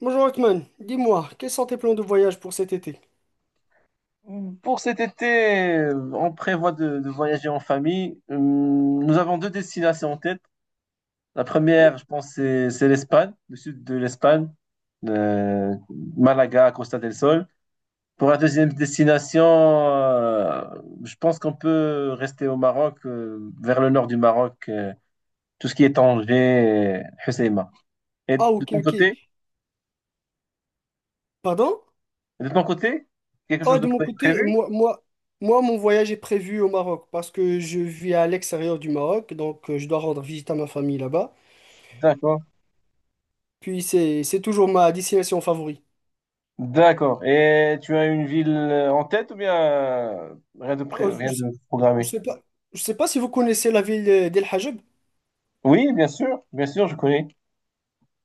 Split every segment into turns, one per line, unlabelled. Bonjour Othman, dis-moi, quels sont tes plans de voyage pour cet été?
Pour cet été, on prévoit de voyager en famille. Nous avons deux destinations en tête. La
Oui.
première, je pense, c'est l'Espagne, le sud de l'Espagne, euh, Malaga, Costa del Sol. Pour la deuxième destination, je pense qu'on peut rester au Maroc, vers le nord du Maroc, tout ce qui est Tanger, Hoceima. Et
Ah,
de
ok,
ton
ok,
côté,
pardon?
de ton côté, quelque
Ah,
chose de
de mon côté,
prévu?
moi, mon voyage est prévu au Maroc parce que je vis à l'extérieur du Maroc, donc je dois rendre visite à ma famille là-bas.
D'accord.
Puis c'est toujours ma destination favorite.
D'accord. Et tu as une ville en tête ou bien
Euh,
rien
je,
de
je
programmé?
sais pas, je sais pas si vous connaissez la ville d'El Hajj.
Oui, bien sûr, je connais.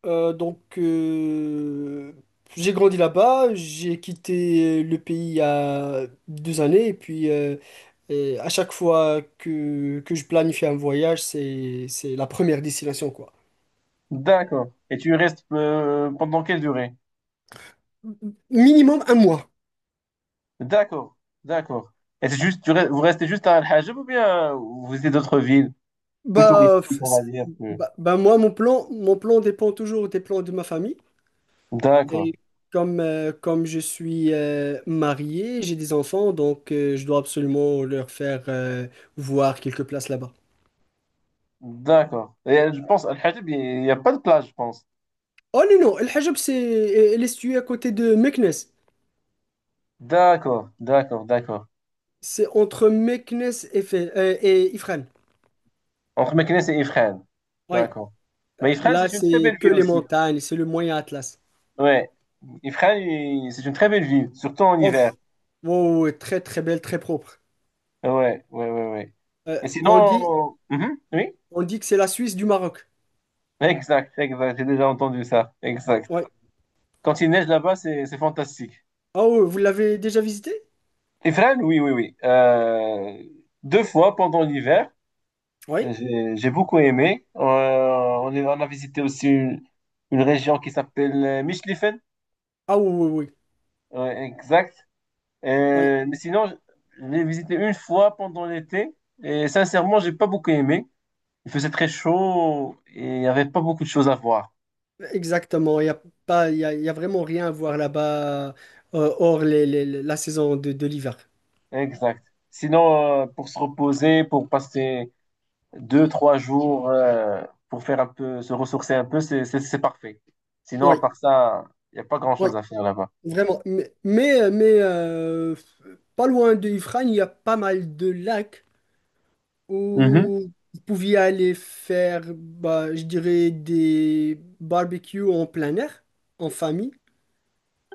Donc, j'ai grandi là-bas, j'ai quitté le pays il y a 2 années, et puis à chaque fois que je planifie un voyage, c'est la première destination, quoi.
D'accord. Et tu y restes pendant quelle durée?
Minimum un mois.
D'accord, d'accord. Et c'est juste, vous restez juste à Al-Hajj ou bien vous visitez d'autres villes plus
Bah, f-
touristiques, on va
c'est-
dire.
bah, moi, mon plan dépend toujours des plans de ma famille.
D'accord,
Et comme je suis marié, j'ai des enfants, donc je dois absolument leur faire voir quelques places là-bas.
d'accord. Et je pense Al-Hajj, il n'y a pas de plage, je pense.
Oh, non, non, El Hajab, c'est elle est située à côté de Meknès.
D'accord, d'accord, d'accord.
C'est entre Meknès et Ifrane.
Entre Meknès et Ifrane.
Oui,
D'accord. Mais Ifrane,
là,
c'est une très
c'est
belle
que
ville
les
aussi.
montagnes, c'est le Moyen Atlas.
Ouais, Ifrane, c'est une très belle ville, surtout en
Off.
hiver.
Wow, ouais, très, très belle, très propre.
Ouais, ouais, ouais, ouais.
Euh,
Et
on dit,
sinon, mhm, oui,
on dit que c'est la Suisse du Maroc.
exact, exact, j'ai déjà entendu ça, exact.
Oui.
Quand il neige là-bas, c'est fantastique.
Ah, ouais, vous l'avez déjà visité?
Ifrane, oui, oui, oui. Deux fois pendant l'hiver,
Oui.
j'ai beaucoup aimé. On on a visité aussi une région qui s'appelle Michlifen.
Ah, oui, oui,
Ouais, exact.
oui.
Mais sinon, je l'ai visité une fois pendant l'été et sincèrement, j'ai pas beaucoup aimé. Il faisait très chaud et il n'y avait pas beaucoup de choses à voir.
Oui, exactement. Il n'y a pas, il y a vraiment rien à voir là-bas, hors la saison de l'hiver.
Exact. Sinon, pour se reposer, pour passer deux, trois jours, pour faire un peu, se ressourcer un peu, c'est parfait. Sinon, à
Oui,
part ça, il n'y a pas
oui,
grand-chose à faire là-bas.
vraiment. Mais, pas loin de Ifrane, il y a pas mal de lacs
Mhm.
où vous pouviez aller faire, bah, je dirais, des barbecues en plein air, en famille.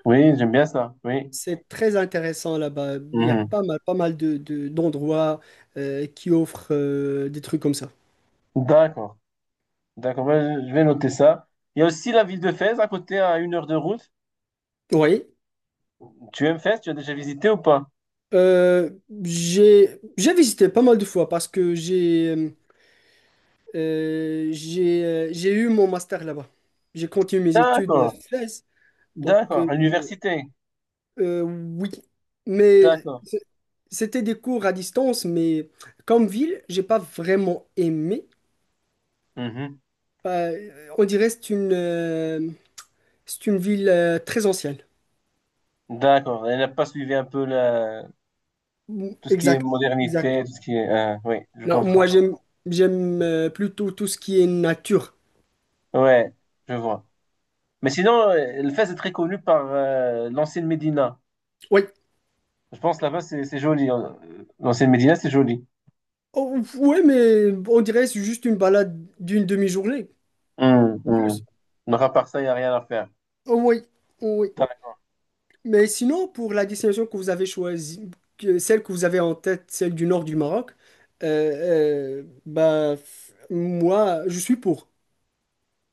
Oui, j'aime bien ça. Oui.
C'est très intéressant là-bas. Il y a
Mhm.
pas mal d'endroits qui offrent des trucs comme ça.
D'accord. D'accord. Ben, je vais noter ça. Il y a aussi la ville de Fès à côté, à 1 heure de route.
Oui,
Tu aimes Fès? Tu as déjà visité ou pas?
euh, j'ai visité pas mal de fois parce que j'ai eu mon master là-bas. J'ai continué mes études à
D'accord.
Fès, donc
D'accord. À l'université.
Oui, mais
D'accord.
c- c'était des cours à distance, mais comme ville, j'ai pas vraiment aimé.
Mhm.
On dirait que c'est une ville très ancienne.
D'accord, elle n'a pas suivi un peu la,
Mm,
tout ce qui est
exact, exact.
modernité, tout ce qui est, oui, je
Non, moi
comprends.
j'aime plutôt tout ce qui est nature.
Ouais, je vois. Mais sinon, le Fès est très connu par l'ancienne Médina.
Oui.
Je pense là-bas, c'est joli, hein. L'ancienne Médina, c'est joli.
Oh, oui, mais on dirait que c'est juste une balade d'une demi-journée.
Hum,
En plus.
hum. Donc à part ça, il n'y a rien à faire.
Oh, oui. Oh, oui.
D'accord.
Mais sinon, pour la destination que vous avez choisie, celle que vous avez en tête, celle du nord du Maroc, bah, moi, je suis pour.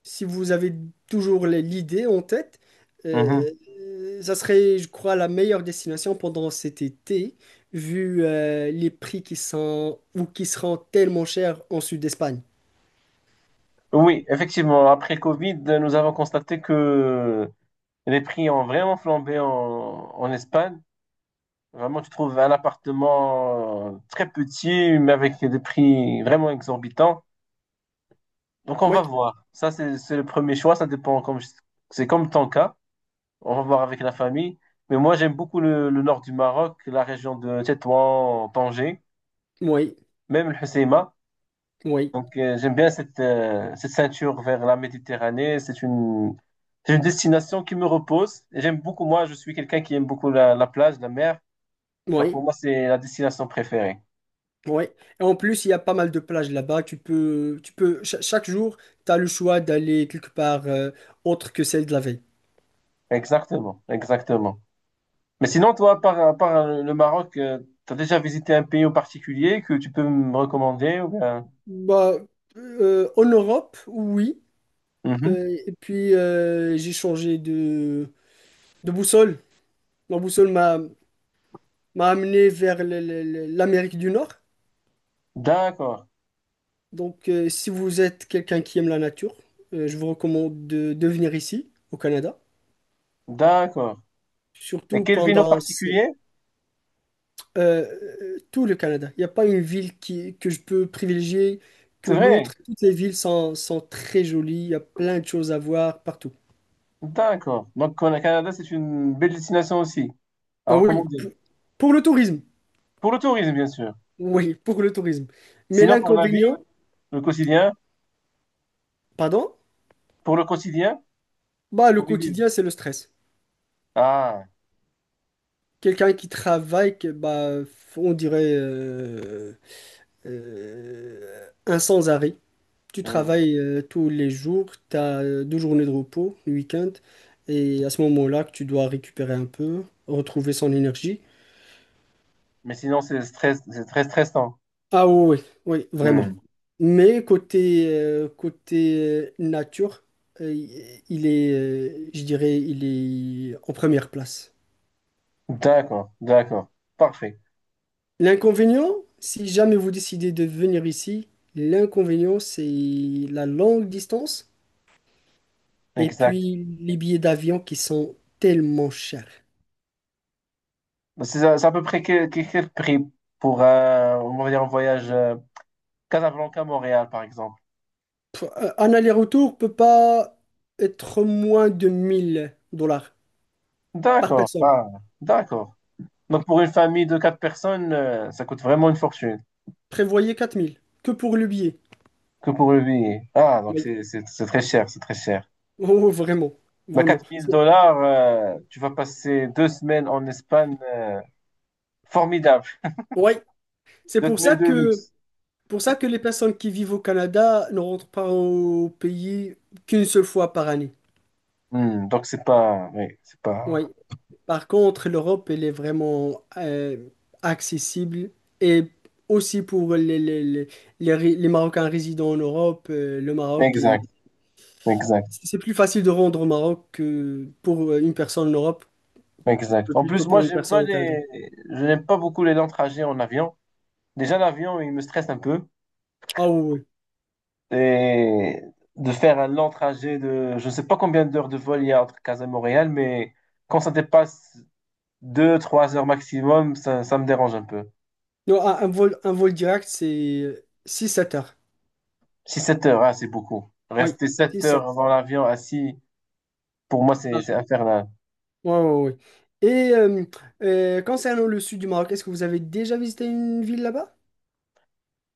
Si vous avez toujours l'idée en tête, euh,
Mhm.
ça serait, je crois, la meilleure destination pendant cet été, vu les prix qui sont ou qui seront tellement chers en sud d'Espagne.
Oui, effectivement, après le Covid, nous avons constaté que les prix ont vraiment flambé en Espagne. Vraiment, tu trouves un appartement très petit, mais avec des prix vraiment exorbitants. Donc on va
Oui,
voir. Ça, c'est le premier choix. Ça dépend. C'est comme ton cas. On va voir avec la famille. Mais moi, j'aime beaucoup le nord du Maroc, la région de Tétouan, Tanger,
oui,
même le Hoceima.
oui,
Donc j'aime bien cette ceinture vers la Méditerranée. C'est une destination qui me repose. Et j'aime beaucoup, moi, je suis quelqu'un qui aime beaucoup la plage, la mer. Donc
oui.
pour moi, c'est la destination préférée.
Ouais. Et en plus, il y a pas mal de plages là-bas. Tu peux, chaque jour, tu as le choix d'aller quelque part autre que celle de la veille.
Exactement, exactement. Mais sinon, toi, par le Maroc, tu as déjà visité un pays en particulier que tu peux me recommander ou bien.
Bah, en Europe, oui.
Mhm.
Et puis, j'ai changé de boussole. Ma boussole m'a amené vers l'Amérique du Nord.
D'accord,
Donc, si vous êtes quelqu'un qui aime la nature, je vous recommande de venir ici, au Canada.
d'accord. Et
Surtout
quelle ville en
pendant...
particulier?
Euh, tout le Canada. Il n'y a pas une ville que je peux privilégier que
C'est vrai,
l'autre. Toutes les villes sont très jolies. Il y a plein de choses à voir partout.
d'accord. Donc, le Canada, c'est une belle destination aussi à
Ah, oui,
recommander.
pour le tourisme.
Pour le tourisme, bien sûr.
Oui, pour le tourisme. Mais
Sinon, pour la vie,
l'inconvénient,
le quotidien,
pardon,
le quotidien,
bah, le
pour y vivre.
quotidien, c'est le stress.
Ah,
Quelqu'un qui travaille, bah, on dirait un sans-arrêt. Tu
hmm.
travailles tous les jours, tu as 2 journées de repos, le week-end, et à ce moment-là que tu dois récupérer un peu, retrouver son énergie.
Mais sinon, c'est stress, c'est très stressant.
Ah, oui, oui, oui, vraiment.
Hmm.
Mais côté nature, euh, je dirais, il est en première place.
D'accord, d'accord. Parfait.
L'inconvénient, si jamais vous décidez de venir ici, l'inconvénient, c'est la longue distance et
Exact.
puis les billets d'avion qui sont tellement chers.
Bah, C'est à peu près quel prix pour un, on va dire un voyage Casablanca-Montréal, par exemple.
Un aller-retour peut pas être moins de 1000 dollars par
D'accord,
personne.
ah, d'accord. Donc pour une famille de quatre personnes, ça coûte vraiment une fortune
Prévoyez 4000, que pour le billet.
que pour le billet. Ah, donc
Oui.
c'est très cher, c'est très cher.
Oh, vraiment,
Bah,
vraiment.
4000
C'est-
dollars, tu vas passer 2 semaines en Espagne, formidable.
Ouais, c'est
Deux semaines de luxe.
pour ça que les personnes qui vivent au Canada ne rentrent pas au pays qu'une seule fois par année.
Hmm, donc c'est pas, oui, c'est pas.
Oui. Par contre, l'Europe, elle est vraiment accessible et aussi pour les Marocains résidant en Europe, le Maroc est...
Exact, exact,
C'est plus facile de rendre au Maroc que pour une personne en Europe, que
exact. En
plutôt
plus, moi,
pour une
j'aime pas
personne au Canada.
les, je n'aime pas beaucoup les longs trajets en avion. Déjà, l'avion, il me stresse un peu.
Ah, oui, oui.
Et de faire un long trajet de, je ne sais pas combien d'heures de vol il y a entre Casa et Montréal, mais quand ça dépasse deux trois heures maximum, ça me dérange un peu.
Non, un vol direct, c'est six 7 heures.
6 7 heures, ah, c'est beaucoup.
Oui,
Rester 7
six
heures
7.
dans l'avion assis, pour moi, c'est
Ah,
c'est infernal.
oui, oui, oui. Et concernant le sud du Maroc, est-ce que vous avez déjà visité une ville là-bas?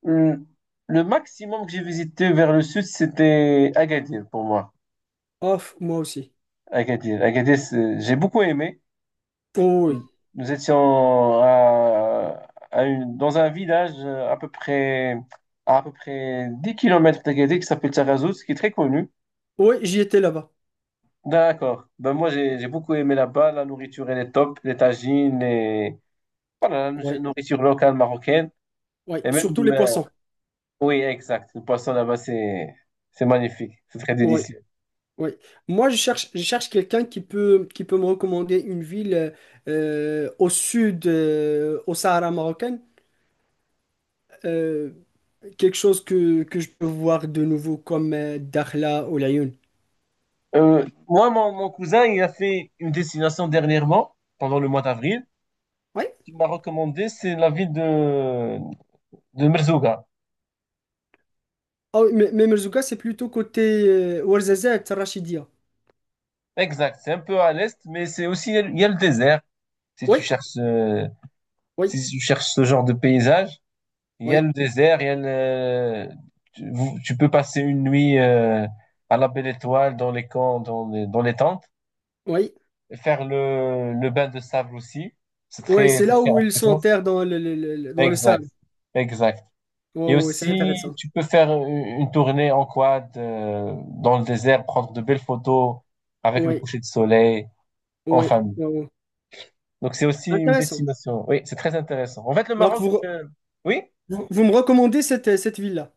Hum, Le maximum que j'ai visité vers le sud, c'était Agadir pour moi.
Ah, moi aussi.
Agadir, Agadir, j'ai beaucoup aimé.
Oh, oui,
Nous étions dans un village à peu près 10 km d'Agadir qui s'appelle Taghazout, qui est très connu.
oui, oui, j'y étais là-bas.
D'accord. Ben moi, j'ai beaucoup aimé là-bas. La nourriture, elle est top. Les tagines, les. Voilà, la
Oui,
nourriture locale marocaine.
oui,
Et même,
surtout les poissons.
oui, exact. Le poisson là-bas, c'est magnifique. C'est très
Oui,
délicieux.
oui. Moi, je cherche quelqu'un qui peut, me recommander une ville au sud, au Sahara marocain. Euh, quelque chose que je peux voir de nouveau comme Dakhla ou Laayoun.
Moi, mon cousin, il a fait une destination dernièrement, pendant le mois d'avril,
Oui.
qu'il m'a recommandé, c'est la ville de Merzouga.
Ah, oui, mais Merzouga, c'est plutôt côté Ouarzazate, Rachidia.
Exact, c'est un peu à l'est, mais c'est aussi, il y a le désert. Si tu
Oui,
cherches, euh,
oui,
si tu cherches ce genre de paysage, il y a
oui,
le désert, il y a le, tu, vous- tu peux passer une nuit à la Belle Étoile, dans les camps, dans les tentes,
oui.
et faire le bain de sable aussi. C'est
Oui,
très,
c'est
c'est
là
très
où ils
apaisant.
s'enterrent dans le- dans le
Exact,
sable.
exact.
Oui,
Et
oui, c'est
aussi,
intéressant.
tu peux faire une tournée en quad dans le désert, prendre de belles photos avec le
Oui,
coucher de soleil en
oui,
famille.
oui, oui.
Donc c'est aussi une
Intéressant.
destination. Oui, c'est très intéressant. En fait, le
Donc,
Maroc, oui,
vous me recommandez cette ville-là?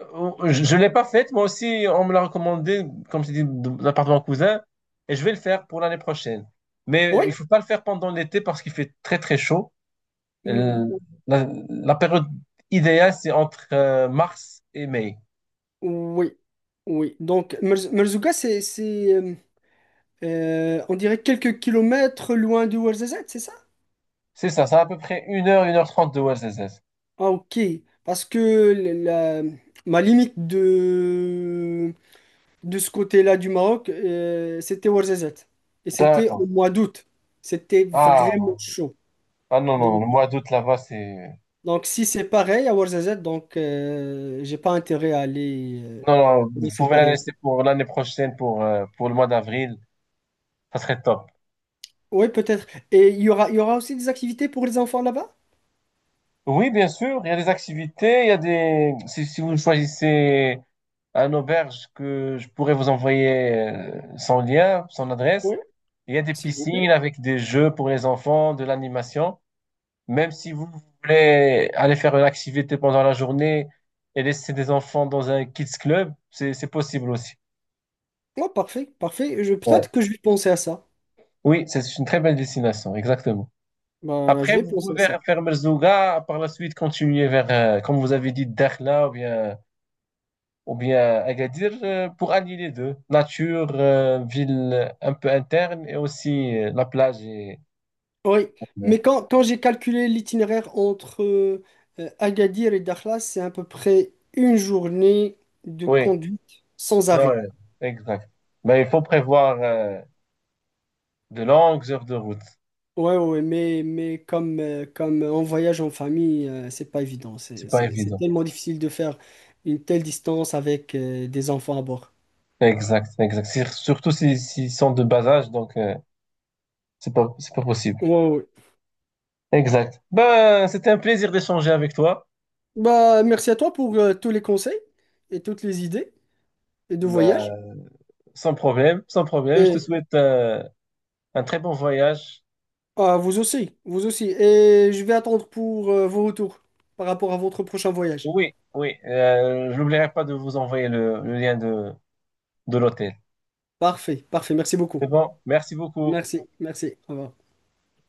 je l'ai pas faite. Moi aussi, on me l'a recommandé, comme je t'ai dit, de l'appartement cousin, et je vais le faire pour l'année prochaine. Mais
Oui?
il faut pas le faire pendant l'été parce qu'il fait très très chaud.
Mm.
Euh, la période idéale, c'est entre mars et mai.
Oui, oui. Donc, Merzouga, on dirait quelques kilomètres loin de Ouarzazate, c'est ça?
C'est ça, c'est à peu près 1 heure, 1h30 de OSS.
Ah, ok. Parce que la, ma limite de ce côté-là du Maroc, c'était Ouarzazate. Et c'était
D'accord.
au mois d'août. C'était vraiment
Ah,
chaud.
ah non, non, non,
Donc,
le mois d'août là-bas, c'est.
donc, si c'est pareil à Ouarzazate, donc j'ai pas intérêt à aller
Non, non, vous
dans cette
pouvez la
période.
laisser pour l'année prochaine, pour le mois d'avril. Ça serait top.
Oui, peut-être. Et il y aura aussi des activités pour les enfants là-bas?
Oui, bien sûr, il y a des activités, il y a des. Si vous choisissez un auberge que je pourrais vous envoyer son lien, son
Oui,
adresse, il y a des
s'il vous
piscines
plaît.
avec des jeux pour les enfants, de l'animation. Même si vous voulez aller faire une activité pendant la journée et laisser des enfants dans un kids club, c'est possible aussi.
Oh, parfait, parfait.
Ouais.
Peut-être que je vais penser à ça.
Oui, c'est une très belle destination, exactement.
Ben, je
Après,
vais
vous
penser à
pouvez
ça.
faire Merzouga, par la suite continuer vers, comme vous avez dit, Dakhla ou bien, Agadir pour allier les deux. Nature, ville un peu interne et aussi la plage. Et.
Oui,
Ouais.
mais quand j'ai calculé l'itinéraire entre Agadir et Dakhla, c'est à peu près une journée de
Oui,
conduite sans
non,
arrêt.
exact. Mais il faut prévoir de longues heures de route.
Ouais, ouais, ouais, mais, comme on voyage en famille, c'est pas évident.
C'est pas
C'est
évident.
tellement difficile de faire une telle distance avec des enfants à bord.
Exact, exact. Surtout s'ils sont de bas âge, donc c'est pas possible.
Ouais, ouais, ouais.
Exact. Ben, c'était un plaisir d'échanger avec toi.
Bah, merci à toi pour tous les conseils et toutes les idées de
Ben,
voyage.
sans problème, sans problème. Je te
Et
souhaite un très bon voyage.
Ah, vous aussi, vous aussi. Et je vais attendre pour vos retours par rapport à votre prochain voyage.
Oui, oui. Je n'oublierai pas de vous envoyer le lien de l'hôtel.
Parfait, parfait. Merci beaucoup.
C'est bon. Merci beaucoup.
Merci, merci. Au revoir.